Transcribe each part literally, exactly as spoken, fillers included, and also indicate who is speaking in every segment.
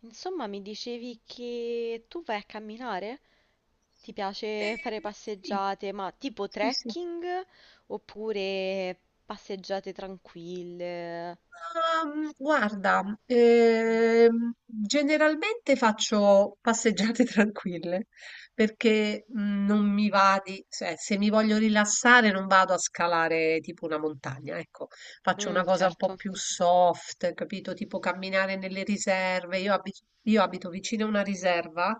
Speaker 1: Insomma, mi dicevi che tu vai a camminare? Ti piace fare
Speaker 2: Ehm, sì,
Speaker 1: passeggiate, ma tipo
Speaker 2: sì, sì.
Speaker 1: trekking oppure passeggiate tranquille?
Speaker 2: Ma, guarda, ehm, generalmente faccio passeggiate tranquille perché mh, non mi va di, cioè, se mi voglio rilassare non vado a scalare tipo una montagna, ecco, faccio una
Speaker 1: Mm,
Speaker 2: cosa un po'
Speaker 1: certo.
Speaker 2: più soft, capito? Tipo camminare nelle riserve. Io abito, io abito vicino a una riserva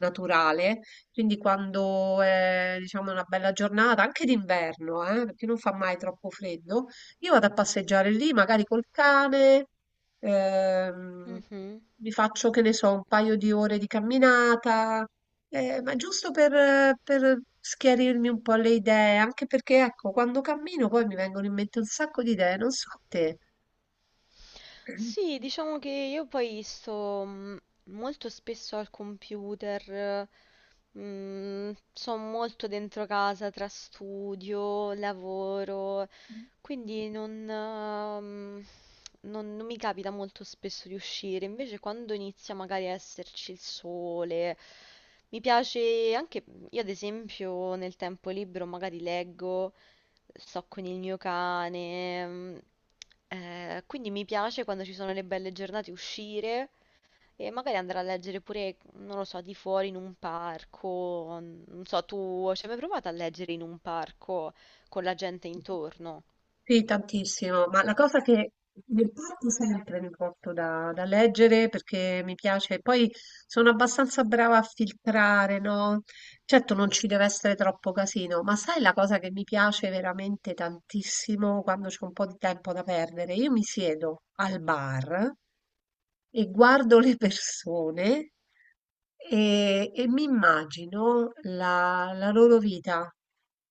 Speaker 2: naturale, quindi quando è, diciamo, una bella giornata, anche d'inverno, eh, perché non fa mai troppo freddo. Io vado a passeggiare lì, magari col cane, ehm,
Speaker 1: Mhm.
Speaker 2: mi faccio, che ne so, un paio di ore di camminata, eh, ma giusto per, per schiarirmi un po' le idee, anche perché, ecco, quando cammino poi mi vengono in mente un sacco di idee, non so a te.
Speaker 1: Sì, diciamo che io poi sto mm, molto spesso al computer, mm, sono molto dentro casa tra studio, lavoro, quindi non, ehm, non- non mi capita molto spesso di uscire. Invece quando inizia magari a esserci il sole, mi piace anche, io ad esempio nel tempo libero magari leggo, sto con il mio cane. Mm, eh, quindi mi piace quando ci sono le belle giornate uscire e magari andare a leggere pure, non lo so, di fuori in un parco. n- Non so, tu ci hai mai provato a leggere in un parco con la gente intorno?
Speaker 2: Sì, tantissimo, ma la cosa che mi porto sempre mi porto da, da leggere perché mi piace, poi sono abbastanza brava a filtrare, no? Certo non ci deve essere troppo casino, ma sai la cosa che mi piace veramente tantissimo quando c'è un po' di tempo da perdere? Io mi siedo al bar e guardo le persone e, e mi immagino la, la loro vita.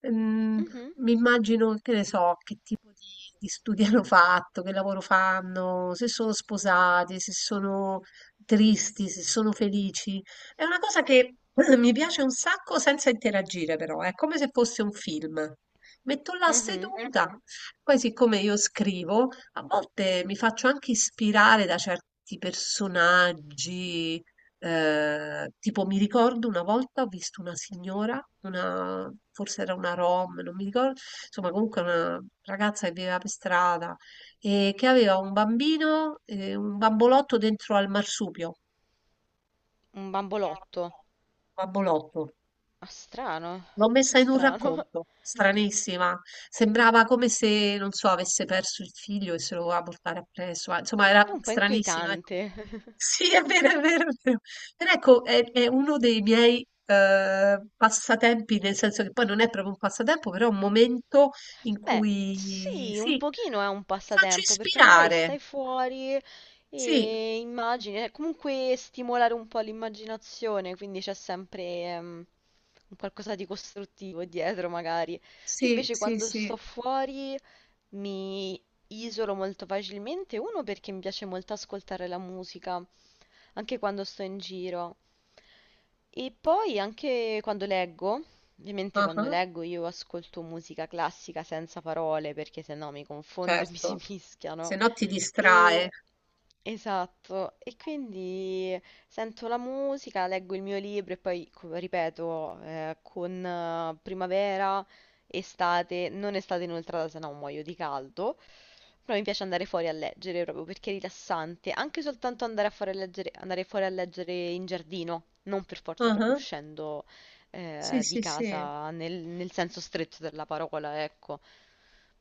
Speaker 2: Mm,
Speaker 1: Mhm.
Speaker 2: mi immagino, che ne so, che tipo di, di studi hanno fatto, che lavoro fanno, se sono sposati, se sono tristi, se sono felici. È una cosa che mi piace un sacco senza interagire, però, è come se fosse un film. Metto là
Speaker 1: Mhm.
Speaker 2: seduta. Mhm. Poi siccome io scrivo, a volte mi faccio anche ispirare da certi personaggi, ehm, tipo mi ricordo una volta ho visto una signora, una forse era una rom, non mi ricor insomma comunque una ragazza che viveva per strada e che aveva un bambino, ehm, un bambolotto dentro al marsupio.
Speaker 1: Un bambolotto.
Speaker 2: Bambolotto.
Speaker 1: Ah, strano, un
Speaker 2: L'ho
Speaker 1: po'
Speaker 2: messa in un
Speaker 1: strano.
Speaker 2: racconto, stranissima. Sembrava come se, non so, avesse perso il figlio e se lo voleva portare appresso. Ma, insomma, era
Speaker 1: È un po'
Speaker 2: stranissima. Ecco.
Speaker 1: inquietante.
Speaker 2: Sì, è vero, è vero, è vero. Però ecco, è, è uno dei miei eh, passatempi, nel senso che poi non è proprio un passatempo, però è un momento in
Speaker 1: Beh,
Speaker 2: cui,
Speaker 1: sì,
Speaker 2: sì,
Speaker 1: un pochino è un
Speaker 2: mi faccio
Speaker 1: passatempo perché magari
Speaker 2: ispirare.
Speaker 1: stai fuori
Speaker 2: Sì,
Speaker 1: e immagini, eh, comunque stimolare un po' l''immaginazione, quindi c'è sempre ehm, un qualcosa di costruttivo dietro magari. Io
Speaker 2: sì,
Speaker 1: invece
Speaker 2: sì,
Speaker 1: quando sto
Speaker 2: sì.
Speaker 1: fuori mi isolo molto facilmente, uno perché mi piace molto ascoltare la musica, anche quando sto in giro. E poi anche quando leggo, ovviamente quando
Speaker 2: Ah,
Speaker 1: leggo io ascolto musica classica senza parole perché sennò mi confondo e mi si
Speaker 2: certo. Se
Speaker 1: mischiano.
Speaker 2: no ti distrae.
Speaker 1: E esatto, e quindi sento la musica, leggo il mio libro e poi, co- ripeto, eh, con eh, primavera estate, non estate inoltrata, se no muoio di caldo. Però mi piace andare fuori a leggere proprio perché è rilassante, anche soltanto andare a fare leggere- andare fuori a leggere in giardino, non per forza proprio
Speaker 2: Ah,
Speaker 1: uscendo
Speaker 2: sì,
Speaker 1: eh, di
Speaker 2: sì, sì.
Speaker 1: casa nel, nel senso stretto della parola, ecco.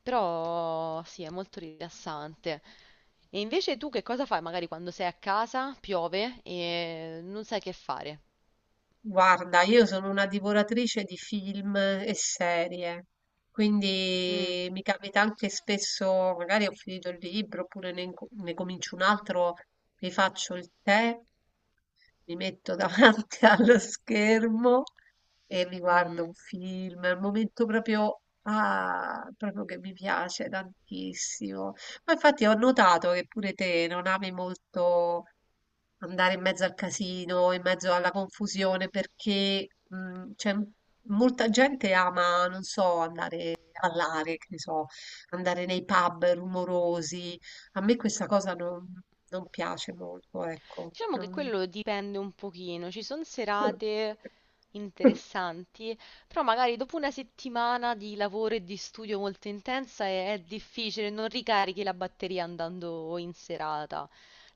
Speaker 1: Però sì, è molto rilassante. E invece tu che cosa fai magari quando sei a casa, piove e non sai che fare?
Speaker 2: Guarda, io sono una divoratrice di film e serie,
Speaker 1: Mm.
Speaker 2: quindi mi capita anche spesso, magari ho finito il libro oppure ne, inco- ne comincio un altro, mi faccio il tè, mi metto davanti allo schermo e mi guardo
Speaker 1: Mm.
Speaker 2: un film, è un momento proprio, ah, proprio che mi piace tantissimo. Ma infatti ho notato che pure te non ami molto andare in mezzo al casino, in mezzo alla confusione, perché mh, c'è m- molta gente ama, non so, andare a ballare, che ne so, andare nei pub rumorosi. A me questa cosa non, non piace molto, ecco.
Speaker 1: Diciamo che
Speaker 2: non-
Speaker 1: quello dipende un pochino, ci sono serate interessanti, però magari dopo una settimana di lavoro e di studio molto intensa è, è difficile, non ricarichi la batteria andando in serata.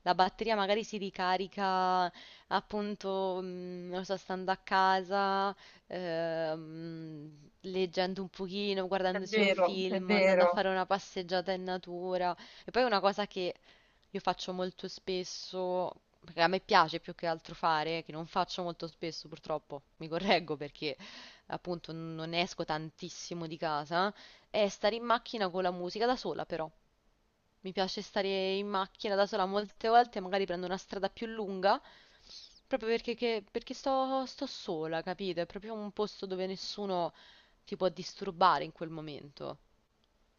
Speaker 1: La batteria magari si ricarica appunto, mm, non so, stando a casa, ehm, leggendo un pochino,
Speaker 2: È
Speaker 1: guardandosi un
Speaker 2: vero, è
Speaker 1: film, andando a
Speaker 2: vero.
Speaker 1: fare una passeggiata in natura. E poi una cosa che io faccio molto spesso, perché a me piace più che altro fare, che non faccio molto spesso purtroppo, mi correggo perché appunto n- non esco tantissimo di casa, è stare in macchina con la musica da sola però. Mi piace stare in macchina da sola molte volte, magari prendo una strada più lunga, proprio perché, che- perché sto, sto sola, capito? È proprio un posto dove nessuno ti può disturbare in quel momento.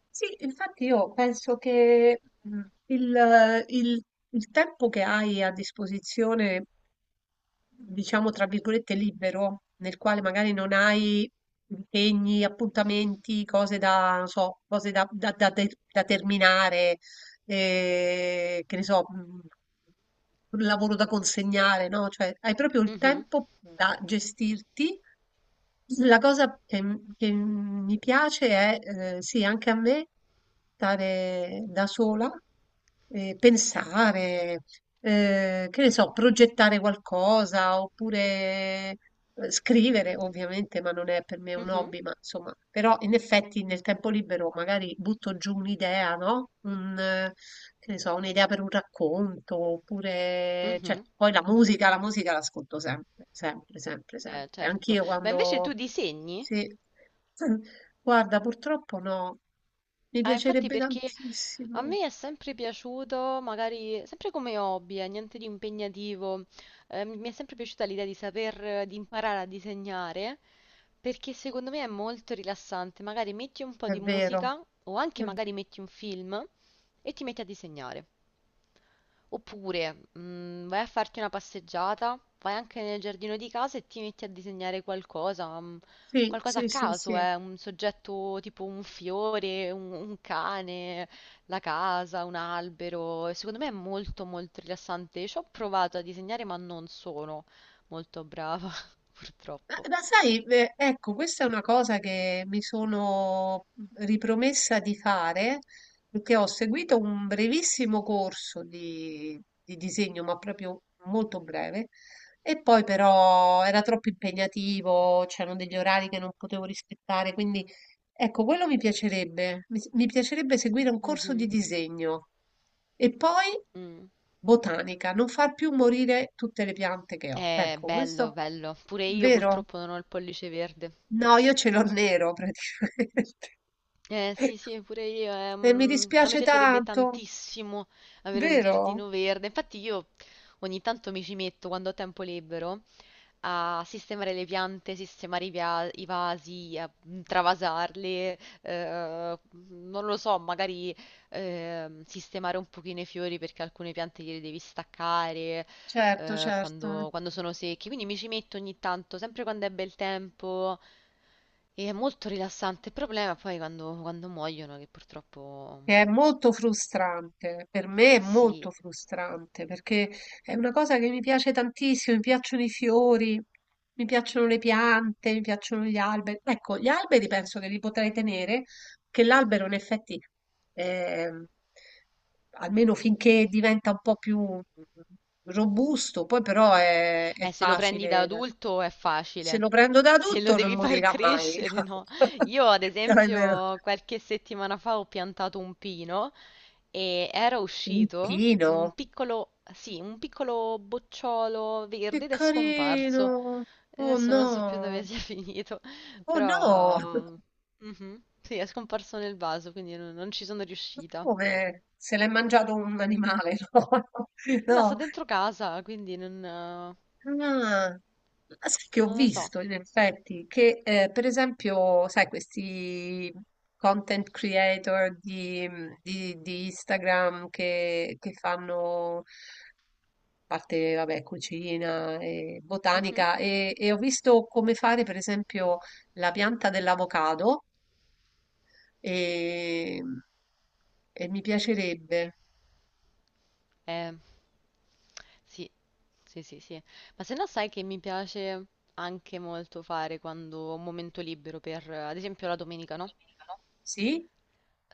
Speaker 2: Sì, infatti io penso che mm, il, il- il tempo che hai a disposizione, diciamo tra virgolette, libero, nel quale magari non hai impegni, appuntamenti, cose da, non so, cose da, da- da- da- da terminare, e che ne so, mh, un lavoro da consegnare, no? Cioè, hai proprio il
Speaker 1: Mhm.
Speaker 2: tempo da gestirti. La cosa che, m- che mi piace è, eh, sì, anche a me, stare da sola, e pensare, eh, che ne so, progettare qualcosa oppure eh, scrivere, ovviamente, ma non è per me un
Speaker 1: Mhm.
Speaker 2: hobby, ma insomma, però in effetti nel tempo libero magari butto giù un'idea, no? Un, eh, che ne so, un'idea per un racconto, oppure, cioè,
Speaker 1: Mhm.
Speaker 2: poi la musica, la musica l'ascolto sempre, sempre, sempre,
Speaker 1: Eh,
Speaker 2: sempre.
Speaker 1: certo.
Speaker 2: Anch'io
Speaker 1: Ma invece
Speaker 2: quando...
Speaker 1: tu disegni?
Speaker 2: Sì. Guarda, purtroppo no, mi
Speaker 1: Ah, infatti
Speaker 2: piacerebbe
Speaker 1: perché a
Speaker 2: tantissimo,
Speaker 1: me è sempre piaciuto, magari sempre come hobby, eh, niente di impegnativo, eh, mi mi è sempre piaciuta l'idea di saper, eh, di imparare a disegnare, perché secondo me è molto rilassante. Magari metti un po'
Speaker 2: è
Speaker 1: di
Speaker 2: vero.
Speaker 1: musica o anche magari metti un film e ti metti a disegnare. Oppure mm, vai a farti una passeggiata, vai anche nel giardino di casa e ti metti a disegnare qualcosa, mm,
Speaker 2: Sì,
Speaker 1: qualcosa a
Speaker 2: sì, sì,
Speaker 1: caso,
Speaker 2: sì.
Speaker 1: eh, un soggetto tipo un fiore, un, un cane, la casa, un albero. E secondo me è molto molto rilassante. Ci ho provato a disegnare ma non sono molto brava,
Speaker 2: Ma,
Speaker 1: purtroppo.
Speaker 2: ma sai, eh, ecco, questa è una cosa che mi sono mhmm, ripromessa di fare, perché ho seguito un brevissimo corso di, di disegno, ma proprio molto breve, e poi però era troppo impegnativo, c'erano degli orari che non potevo rispettare, quindi ecco, quello mi piacerebbe, mi, mi piacerebbe seguire un corso di
Speaker 1: Mhm.
Speaker 2: disegno e poi
Speaker 1: Mm.
Speaker 2: botanica, non far più morire tutte le piante che ho.
Speaker 1: È
Speaker 2: Ecco,
Speaker 1: bello,
Speaker 2: questo
Speaker 1: bello. Pure io
Speaker 2: vero?
Speaker 1: purtroppo non ho il pollice verde.
Speaker 2: No, io ce l'ho nero praticamente.
Speaker 1: Eh sì, sì, pure io. eh,
Speaker 2: E mi
Speaker 1: mm, a me
Speaker 2: dispiace
Speaker 1: piacerebbe
Speaker 2: tanto,
Speaker 1: tantissimo avere un
Speaker 2: vero?
Speaker 1: giardino verde. Infatti io ogni tanto mi ci metto quando ho tempo libero a sistemare le piante, sistemare i, via- i vasi, a mm, travasarle, eh, non lo so, magari ehm, sistemare un pochino i fiori perché alcune piante gliele devi staccare
Speaker 2: Certo,
Speaker 1: eh,
Speaker 2: certo.
Speaker 1: quando, quando sono secchi. Quindi mi ci metto ogni tanto, sempre quando è bel tempo. E è molto rilassante, il problema poi quando, quando muoiono, che purtroppo
Speaker 2: Che è molto frustrante, per me è
Speaker 1: sì.
Speaker 2: molto frustrante perché è una cosa che mi piace tantissimo, mi piacciono i fiori, mi piacciono le piante, mi piacciono gli alberi. Ecco, gli alberi penso che li potrei tenere, che l'albero in effetti, ehm, almeno finché diventa un po' più robusto, poi però è, è
Speaker 1: Eh, se lo prendi da
Speaker 2: facile,
Speaker 1: adulto è
Speaker 2: se
Speaker 1: facile,
Speaker 2: lo prendo da
Speaker 1: se lo
Speaker 2: tutto non
Speaker 1: devi far
Speaker 2: morirà mai.
Speaker 1: crescere, no? Io, ad
Speaker 2: L'albero,
Speaker 1: esempio, qualche settimana fa ho piantato un pino e era
Speaker 2: un
Speaker 1: uscito
Speaker 2: pino.
Speaker 1: un piccolo, sì, un piccolo bocciolo
Speaker 2: Che
Speaker 1: verde ed è scomparso.
Speaker 2: carino! Oh
Speaker 1: Adesso non so più
Speaker 2: no!
Speaker 1: dove sia finito,
Speaker 2: Oh no!
Speaker 1: però. Mhm. Sì, è scomparso nel vaso, quindi non non ci sono
Speaker 2: Ma
Speaker 1: riuscita.
Speaker 2: come? Se l'è mangiato un animale?
Speaker 1: No, sta
Speaker 2: No,
Speaker 1: dentro casa, quindi non, eh,
Speaker 2: no. Ah, ma sai che ho
Speaker 1: non lo so.
Speaker 2: visto in effetti che eh, per esempio, sai, questi content creator di, mhmm, di- di Instagram che, che fanno a parte, vabbè, cucina e
Speaker 1: Mhm.
Speaker 2: botanica e e ho visto come fare per esempio la pianta dell'avocado e, e mi piacerebbe.
Speaker 1: Eh, sì, sì, sì, sì. Ma se no sai che mi piace anche molto fare quando ho un momento libero per, eh, ad esempio, la domenica, no?
Speaker 2: Sì?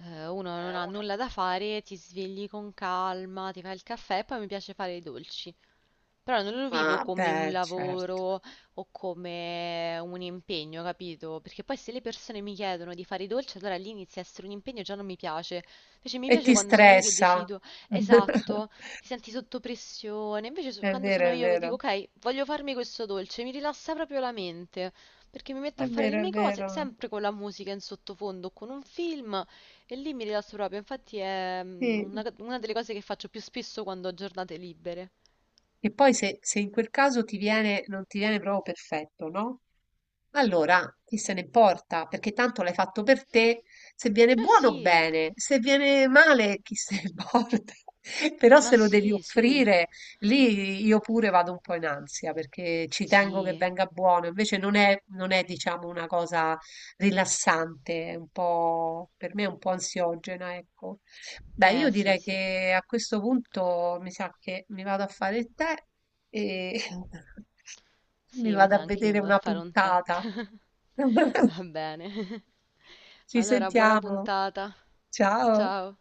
Speaker 1: Eh, uno non ha nulla da fare, ti svegli con calma, ti fai il caffè e poi mi piace fare i dolci. Però non lo vivo
Speaker 2: Ah,
Speaker 1: come un
Speaker 2: beh, certo.
Speaker 1: lavoro o come un impegno, capito? Perché poi se le persone mi chiedono di fare i dolci, allora lì inizia a essere un impegno e già non mi piace. Invece mi
Speaker 2: E
Speaker 1: piace
Speaker 2: ti
Speaker 1: quando sono io che
Speaker 2: stressa.
Speaker 1: decido, esatto, ti senti sotto pressione. Invece so-
Speaker 2: È
Speaker 1: quando
Speaker 2: vero,
Speaker 1: sono
Speaker 2: è
Speaker 1: io che dico,
Speaker 2: vero,
Speaker 1: ok, voglio farmi questo dolce, mi rilassa proprio la mente, perché mi metto a
Speaker 2: è
Speaker 1: fare le
Speaker 2: vero, è
Speaker 1: mie cose,
Speaker 2: vero.
Speaker 1: sempre con la musica in sottofondo, o con un film, e lì mi rilasso proprio. Infatti è mm, una
Speaker 2: Sì.
Speaker 1: una delle cose che faccio più spesso quando ho giornate libere.
Speaker 2: E poi se, se in quel caso ti viene, non ti viene proprio perfetto, no? Allora, chi se ne importa? Perché tanto l'hai fatto per te. Se viene
Speaker 1: Eh
Speaker 2: buono,
Speaker 1: sì.
Speaker 2: bene. Se viene male, chi se ne importa? Però
Speaker 1: Ma
Speaker 2: se lo devi
Speaker 1: sì, sì,
Speaker 2: offrire, lì io pure vado un po' in ansia perché ci tengo che
Speaker 1: sì,
Speaker 2: venga buono. Invece non è, non è, diciamo, una cosa rilassante, è un po', per me è un po' ansiogena, ecco. Beh, io
Speaker 1: eh sì,
Speaker 2: direi
Speaker 1: sì,
Speaker 2: che a questo punto mi sa che mi vado a fare il tè e mi
Speaker 1: sì, mi
Speaker 2: vado
Speaker 1: sa
Speaker 2: a
Speaker 1: anche io,
Speaker 2: vedere
Speaker 1: mi vado a
Speaker 2: una
Speaker 1: fare un tè.
Speaker 2: puntata.
Speaker 1: Va bene,
Speaker 2: Ci
Speaker 1: allora buona
Speaker 2: sentiamo.
Speaker 1: puntata,
Speaker 2: Ciao.
Speaker 1: ciao.